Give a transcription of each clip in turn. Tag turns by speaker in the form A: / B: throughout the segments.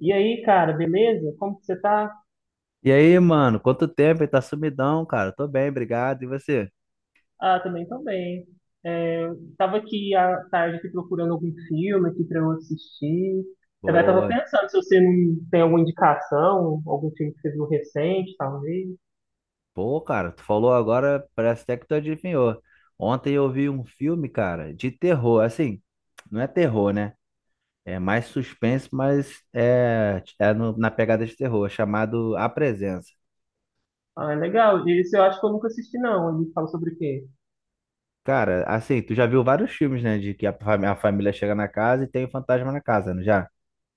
A: E aí, cara, beleza? Como que você tá?
B: E aí, mano, quanto tempo? Ele tá sumidão, cara. Tô bem, obrigado. E você?
A: Ah, também tô bem. É, tava aqui à tarde aqui procurando algum filme aqui pra eu assistir. Eu tava
B: Boa.
A: pensando se você não tem alguma indicação, algum filme que você viu recente, talvez.
B: Pô, cara, tu falou agora, parece até que tu adivinhou. Ontem eu vi um filme, cara, de terror. Assim, não é terror, né? É mais suspense, mas na pegada de terror, chamado A Presença.
A: Ah, é legal. Esse eu acho que eu nunca assisti, não. Ele fala sobre o quê?
B: Cara, assim, tu já viu vários filmes, né? De que a família chega na casa e tem o fantasma na casa, não já?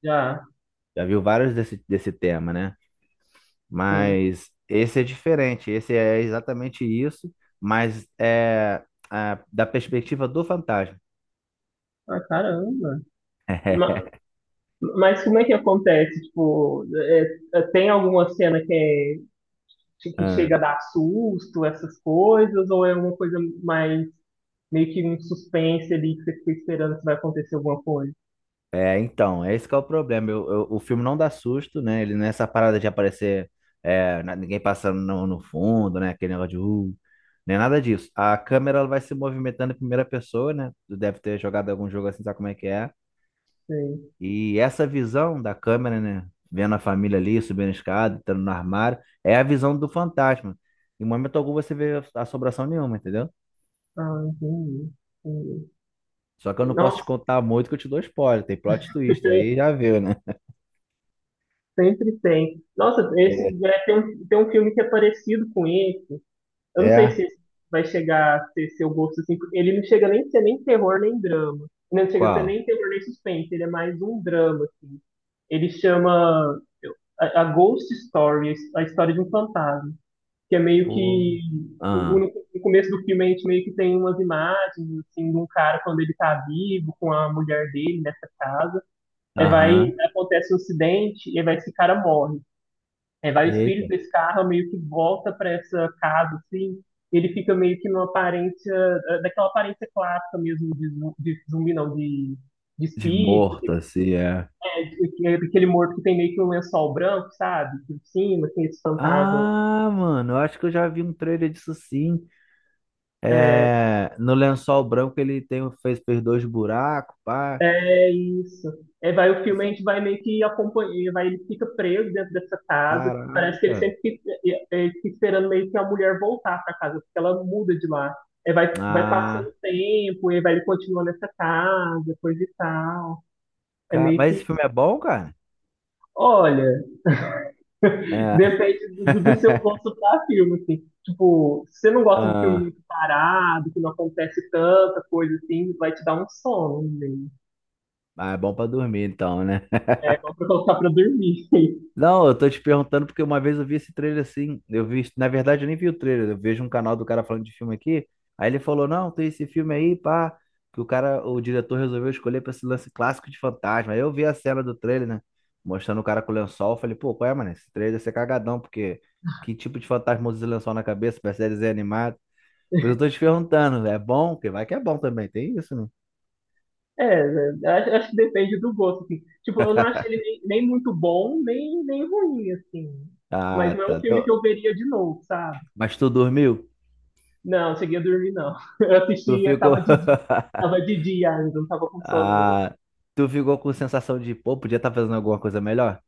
A: Já,
B: Já viu vários desse tema, né?
A: sim.
B: Mas esse é diferente, esse é exatamente isso, mas é da perspectiva do fantasma.
A: Ah, caramba. Ma- Mas, como é que acontece? Tipo, tem alguma cena que, que
B: Ah,
A: chega a dar susto, essas coisas, ou é uma coisa mais meio que um suspense ali que você fica esperando se vai acontecer alguma coisa.
B: é, então, é esse que é o problema. O filme não dá susto, né? Ele nessa parada de aparecer ninguém passando no fundo, né? Aquele negócio de nem nada disso. A câmera ela vai se movimentando em primeira pessoa, né? Tu deve ter jogado algum jogo assim, sabe como é que é?
A: Sei.
B: E essa visão da câmera, né? Vendo a família ali, subindo a escada, entrando no armário, é a visão do fantasma. Em momento algum você vê assombração nenhuma, entendeu?
A: Ah, entendi. Entendi.
B: Só que eu não posso te
A: Nossa,
B: contar muito que eu te dou spoiler. Tem plot twist, aí já viu, né?
A: sempre tem. Nossa, esse
B: É.
A: é, tem um filme que é parecido com esse. Eu não sei
B: É.
A: se esse vai chegar a ser seu gosto assim, porque ele não chega nem a ser nem terror nem drama. Não chega a ser
B: Qual?
A: nem terror nem suspense, ele é mais um drama. Ele chama a Ghost Story, a história de um fantasma. Que é meio
B: Pô.
A: que
B: Ah,
A: no começo do filme a gente meio que tem umas imagens assim de um cara quando ele tá vivo com a mulher dele nessa casa. Aí vai
B: aham.
A: acontece um acidente e aí vai esse cara morre. Aí vai o espírito
B: Eita.
A: desse carro meio que volta para essa casa assim. Ele fica meio que numa aparência daquela aparência clássica mesmo de, de zumbi não de de
B: De
A: espírito,
B: morto, assim, é.
A: é, aquele morto que tem meio que um lençol branco, sabe? Por cima, tem esse fantasma
B: Ah, mano, eu acho que eu já vi um trailer disso sim.
A: eh,
B: É, no lençol branco ele fez dois buracos, pá.
A: é isso. É, vai, o filme a
B: Isso
A: gente
B: é-
A: vai meio que acompanhar, vai, ele fica preso dentro dessa casa. Parece que ele
B: Caraca.
A: sempre fica, é, fica esperando meio que a mulher voltar para casa, porque ela muda de lá. É, vai, vai passando
B: Ah,
A: o tempo, e vai ele continua nessa casa, coisa e tal. É meio
B: Mas esse
A: que,
B: filme é bom, cara?
A: olha,
B: É.
A: depende do seu gosto para filme, assim. Tipo, se você não gosta de filme
B: Ah,
A: muito parado, que não acontece tanta coisa assim, vai te dar um sono, né?
B: ah, é bom pra dormir então, né?
A: É, só pra colocar pra dormir.
B: Não, eu tô te perguntando porque uma vez eu vi esse trailer assim. Eu vi, na verdade, eu nem vi o trailer. Eu vejo um canal do cara falando de filme aqui. Aí ele falou: Não, tem esse filme aí, pá. Que o cara, o diretor resolveu escolher pra esse lance clássico de fantasma. Aí eu vi a cena do trailer, né? Mostrando o cara com o lençol. Eu falei: Pô, qual é, mano? Esse trailer deve ser cagadão, porque que tipo de fantasma usa esse lençol na cabeça? Parece desenho animado. Pois eu tô te perguntando, é bom? Porque vai que é bom também, tem isso, né?
A: É, eu acho, acho que depende do gosto, assim. Tipo, eu não acho ele nem muito bom, nem ruim, assim. Mas
B: Ah,
A: não é um
B: tá.
A: filme que eu veria de novo, sabe?
B: Mas tu dormiu?
A: Não, cheguei a dormir, não. Eu
B: Tu
A: assisti, eu
B: ficou.
A: tava de dia ainda, não tava com sono, não.
B: Ah, tu ficou com sensação de, pô, podia estar fazendo alguma coisa melhor?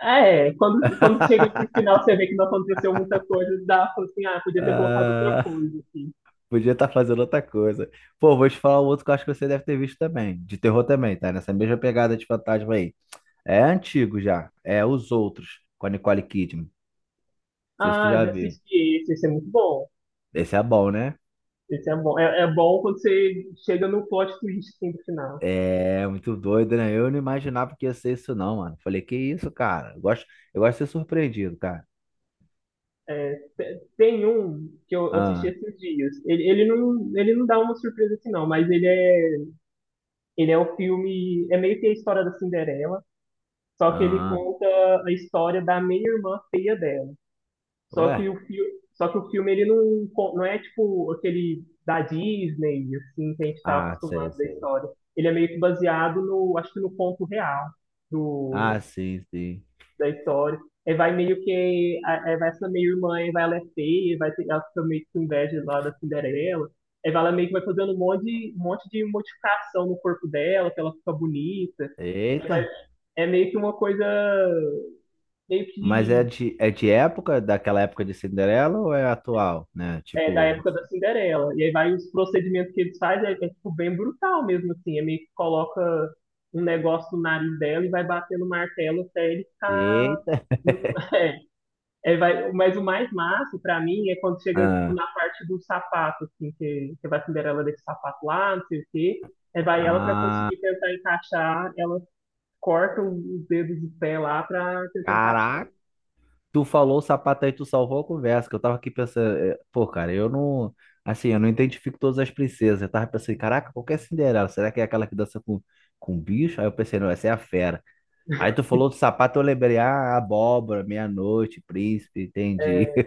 A: Ah, é, quando chega pro final, você vê que não aconteceu muita coisa, dá pra, assim, ah, podia ter colocado outra
B: Ah,
A: coisa, assim.
B: podia estar fazendo outra coisa. Pô, vou te falar um outro que eu acho que você deve ter visto também. De terror também, tá? Nessa mesma pegada de fantasma aí. É antigo já. É Os Outros, com a Nicole Kidman. Não sei se tu
A: Ah,
B: já
A: já
B: viu.
A: assisti esse, esse é muito bom.
B: Esse é bom, né?
A: Esse é bom. É, é bom quando você chega no plot twist, assim, no final.
B: É muito doido, né? Eu não imaginava que ia ser isso, não, mano. Falei, que isso, cara? Eu gosto de ser surpreendido, cara.
A: É, tem um que eu assisti
B: Ah,
A: esses dias. Ele não dá uma surpresa assim, não, mas ele é o filme. É meio que a história da Cinderela, só que ele
B: ah,
A: conta a história da meia-irmã feia dela. Só
B: ué?
A: que o, fi, só que o filme ele não, não é tipo aquele da Disney, assim, que a gente está
B: Ah, sei,
A: acostumado da
B: sei.
A: história. Ele é meio que baseado no, acho que no conto real
B: Ah, sim, sim.
A: da história. Aí vai meio que. Aí vai essa meio-irmã, aí vai ela é feia, vai ter, ela fica meio que com inveja lá da Cinderela. Aí vai ela meio que vai fazendo um monte de modificação no corpo dela, que ela fica bonita. Aí vai,
B: Eita.
A: é meio que uma coisa meio
B: Mas
A: que
B: é de época, daquela época de Cinderela ou é atual, né?
A: é, da
B: Tipo,
A: época da Cinderela. E aí vai os procedimentos que eles fazem, é tipo bem brutal mesmo, assim. É meio que coloca um negócio no nariz dela e vai batendo martelo até ele ficar.
B: eita.
A: No- É, vai, mas o mais massa pra mim é quando chega tipo,
B: Ah,
A: na parte do sapato, assim, que vai a Cinderela desse sapato lá, não sei o quê. Aí vai ela pra
B: ah,
A: conseguir tentar encaixar, ela corta os dedos do pé lá pra tentar encaixar.
B: caraca! Tu falou o sapato aí, tu salvou a conversa, que eu tava aqui pensando, é, pô, cara, eu não, assim, eu não identifico todas as princesas, eu tava pensando, caraca, qual que é a Cinderela? Será que é aquela que dança com bicho? Aí eu pensei, não, essa é a fera. Aí tu falou do sapato, eu lembrei, ah, abóbora, meia-noite, príncipe, entendi.
A: É,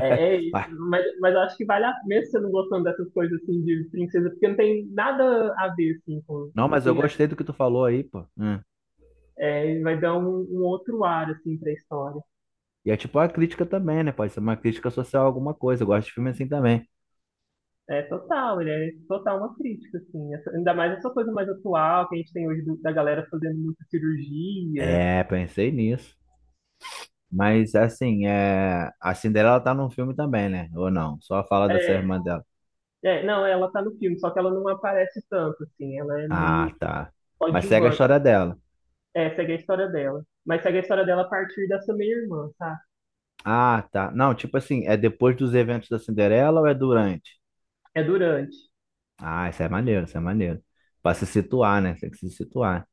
A: é isso,
B: Mas-
A: mas eu acho que vale a pena, mesmo você não gostando dessas coisas assim de princesa, porque não tem nada a ver assim com
B: Não, mas eu
A: porque a gente
B: gostei do que tu falou aí, pô. Hum.
A: é, vai dar um outro ar assim pra história.
B: E é tipo uma crítica também, né? Pode ser uma crítica social a alguma coisa, eu gosto de filme assim também.
A: É total, ele é total uma crítica, assim. Essa, ainda mais essa coisa mais atual que a gente tem hoje do- da galera fazendo muita cirurgia.
B: É, pensei nisso. Mas assim, é a Cinderela tá num filme também, né? Ou não? Só fala dessa
A: É,
B: irmã dela.
A: não, ela tá no filme, só que ela não aparece tanto, assim. Ela é meio
B: Ah,
A: que
B: tá. Mas segue a
A: coadjuvante.
B: história dela.
A: É, segue a história dela. Mas segue a história dela a partir dessa meia-irmã, tá?
B: Ah, tá. Não, tipo assim, é depois dos eventos da Cinderela ou é durante?
A: É durante.
B: Ah, isso é maneiro, isso é maneiro. Pra se situar, né? Tem que se situar.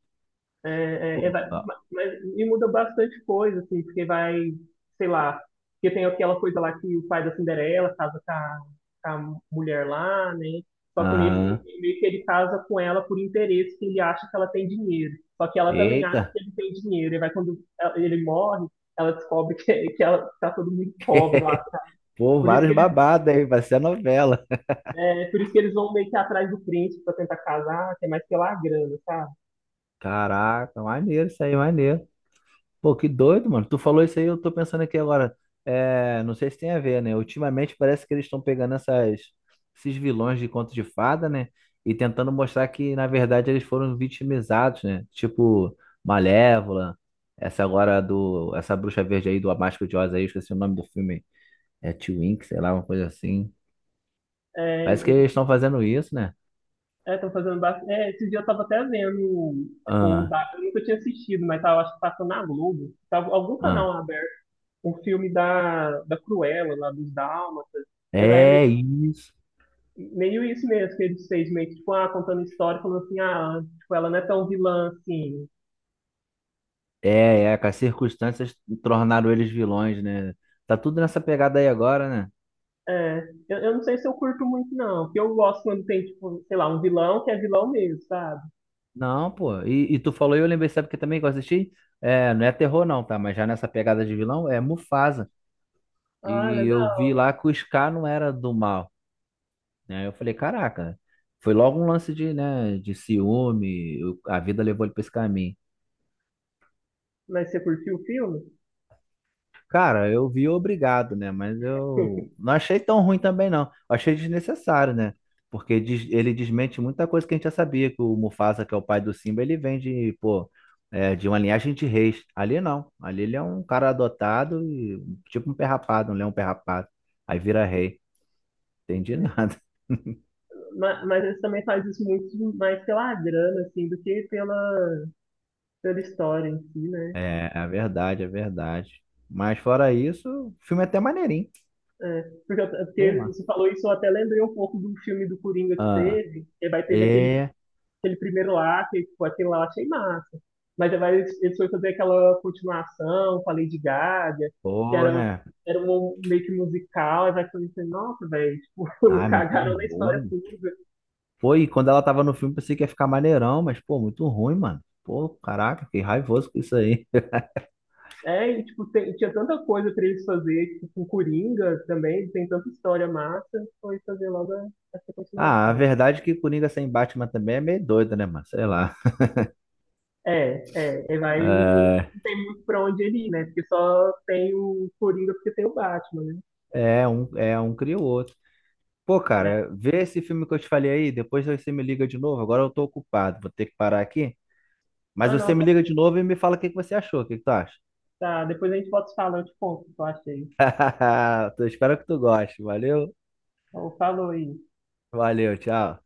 B: Pô,
A: Vai-
B: ó.
A: mas me muda bastante coisa, assim, porque vai, sei lá, porque tem aquela coisa lá que o pai da Cinderela casa com a mulher lá, né? Só que nesse,
B: Aham.
A: meio que ele casa com ela por interesse, que ele acha que ela tem dinheiro. Só que ela também acha
B: Eita,
A: que ele tem dinheiro. E vai quando ela- ele morre, ela descobre que, que ela tá todo mundo pobre lá. Tá?
B: pô,
A: Por isso que
B: vários
A: eles,
B: babados aí, vai ser a novela.
A: é, por isso que eles vão meio que atrás do príncipe pra tentar casar, que é mais pela grana, sabe?
B: Caraca, maneiro isso aí, maneiro. Pô, que doido, mano. Tu falou isso aí, eu tô pensando aqui agora. É, não sei se tem a ver, né? Ultimamente parece que eles estão pegando esses vilões de conto de fada, né? E tentando mostrar que, na verdade, eles foram vitimizados, né? Tipo, Malévola, essa agora do. Essa bruxa verde aí do A Máscara de Oz aí, eu esqueci o nome do filme aí. É Twink, sei lá, uma coisa assim. Parece que
A: É,
B: eles estão fazendo isso, né?
A: é, estão fazendo bastante. É, esse dia eu tava até vendo, tipo, o
B: Ah,
A: da... eu nunca tinha assistido, mas tava, acho que passando na Globo. Tava algum canal
B: ah.
A: aberto, um filme da Cruella, lá dos Dálmatas. É, vai, é meio,
B: É isso.
A: meio isso mesmo, que eles fez, meio que, tipo, ah, contando história, falando assim, ah, tipo, ela não é tão vilã assim.
B: É, é, que as circunstâncias tornaram eles vilões, né? Tá tudo nessa pegada aí agora, né?
A: É, eu não sei se eu curto muito, não, porque eu gosto quando tem, tipo, sei lá, um vilão que é vilão mesmo, sabe?
B: Não, pô. E tu falou, e eu lembrei, sabe que também que eu assisti? É, não é terror não, tá? Mas já nessa pegada de vilão, é Mufasa.
A: Ah,
B: E eu vi
A: legal.
B: lá que o Scar não era do mal, né? Eu falei, caraca, foi logo um lance de, né, de ciúme, a vida levou ele pra esse caminho.
A: Mas você curtiu o filme?
B: Cara, eu vi obrigado, né? Mas eu não achei tão ruim também, não. Eu achei desnecessário, né? Porque ele desmente muita coisa que a gente já sabia, que o Mufasa, que é o pai do Simba, ele vem de, pô, é, de uma linhagem de reis. Ali não. Ali ele é um cara adotado e tipo um perrapado, um leão perrapado. Aí vira rei. Entendi nada.
A: Mas eles também fazem isso muito mais pela grana, assim, do que pela, pela história em si, né?
B: É, é verdade, é verdade. Mas fora isso, o filme é até maneirinho.
A: É, porque, eu-
B: Sei
A: porque
B: lá.
A: você falou isso, eu até lembrei um pouco do filme do Coringa que
B: Ah,
A: teve, que vai teve aquele,
B: é.
A: aquele primeiro lá, que tipo, aquele lá eu achei massa. Mas aí vai eles foram fazer aquela continuação com a Lady Gaga, que
B: Pô,
A: era,
B: né?
A: era um meio que musical, aí vai fazer assim, nossa, velho, tipo,
B: Ai muito
A: cagaram na história
B: ruim.
A: pura.
B: Foi, e quando ela tava no filme, pensei que ia ficar maneirão, mas, pô, muito ruim, mano. Pô, caraca, fiquei raivoso com isso aí.
A: É, e tipo, tinha tanta coisa pra eles fazer, tipo, com Coringa também, tem tanta história massa, foi fazer logo essa
B: Ah, a
A: continuação.
B: verdade é que Coringa sem Batman também é meio doido, né, mano? Sei lá.
A: É, ele vai, não tem muito pra onde ele ir, né? Porque só tem o Coringa porque tem o Batman, né?
B: É, é um cria o outro. Pô,
A: É.
B: cara, vê esse filme que eu te falei aí, depois você me liga de novo. Agora eu tô ocupado, vou ter que parar aqui. Mas
A: Ah,
B: você
A: não,
B: me
A: tá,
B: liga de
A: certo.
B: novo e me fala o que que você achou, o que que tu acha?
A: Tá, depois a gente volta se falando, eu te conto o que eu achei.
B: Eu espero que tu goste. Valeu,
A: Então, falou aí.
B: valeu, tchau.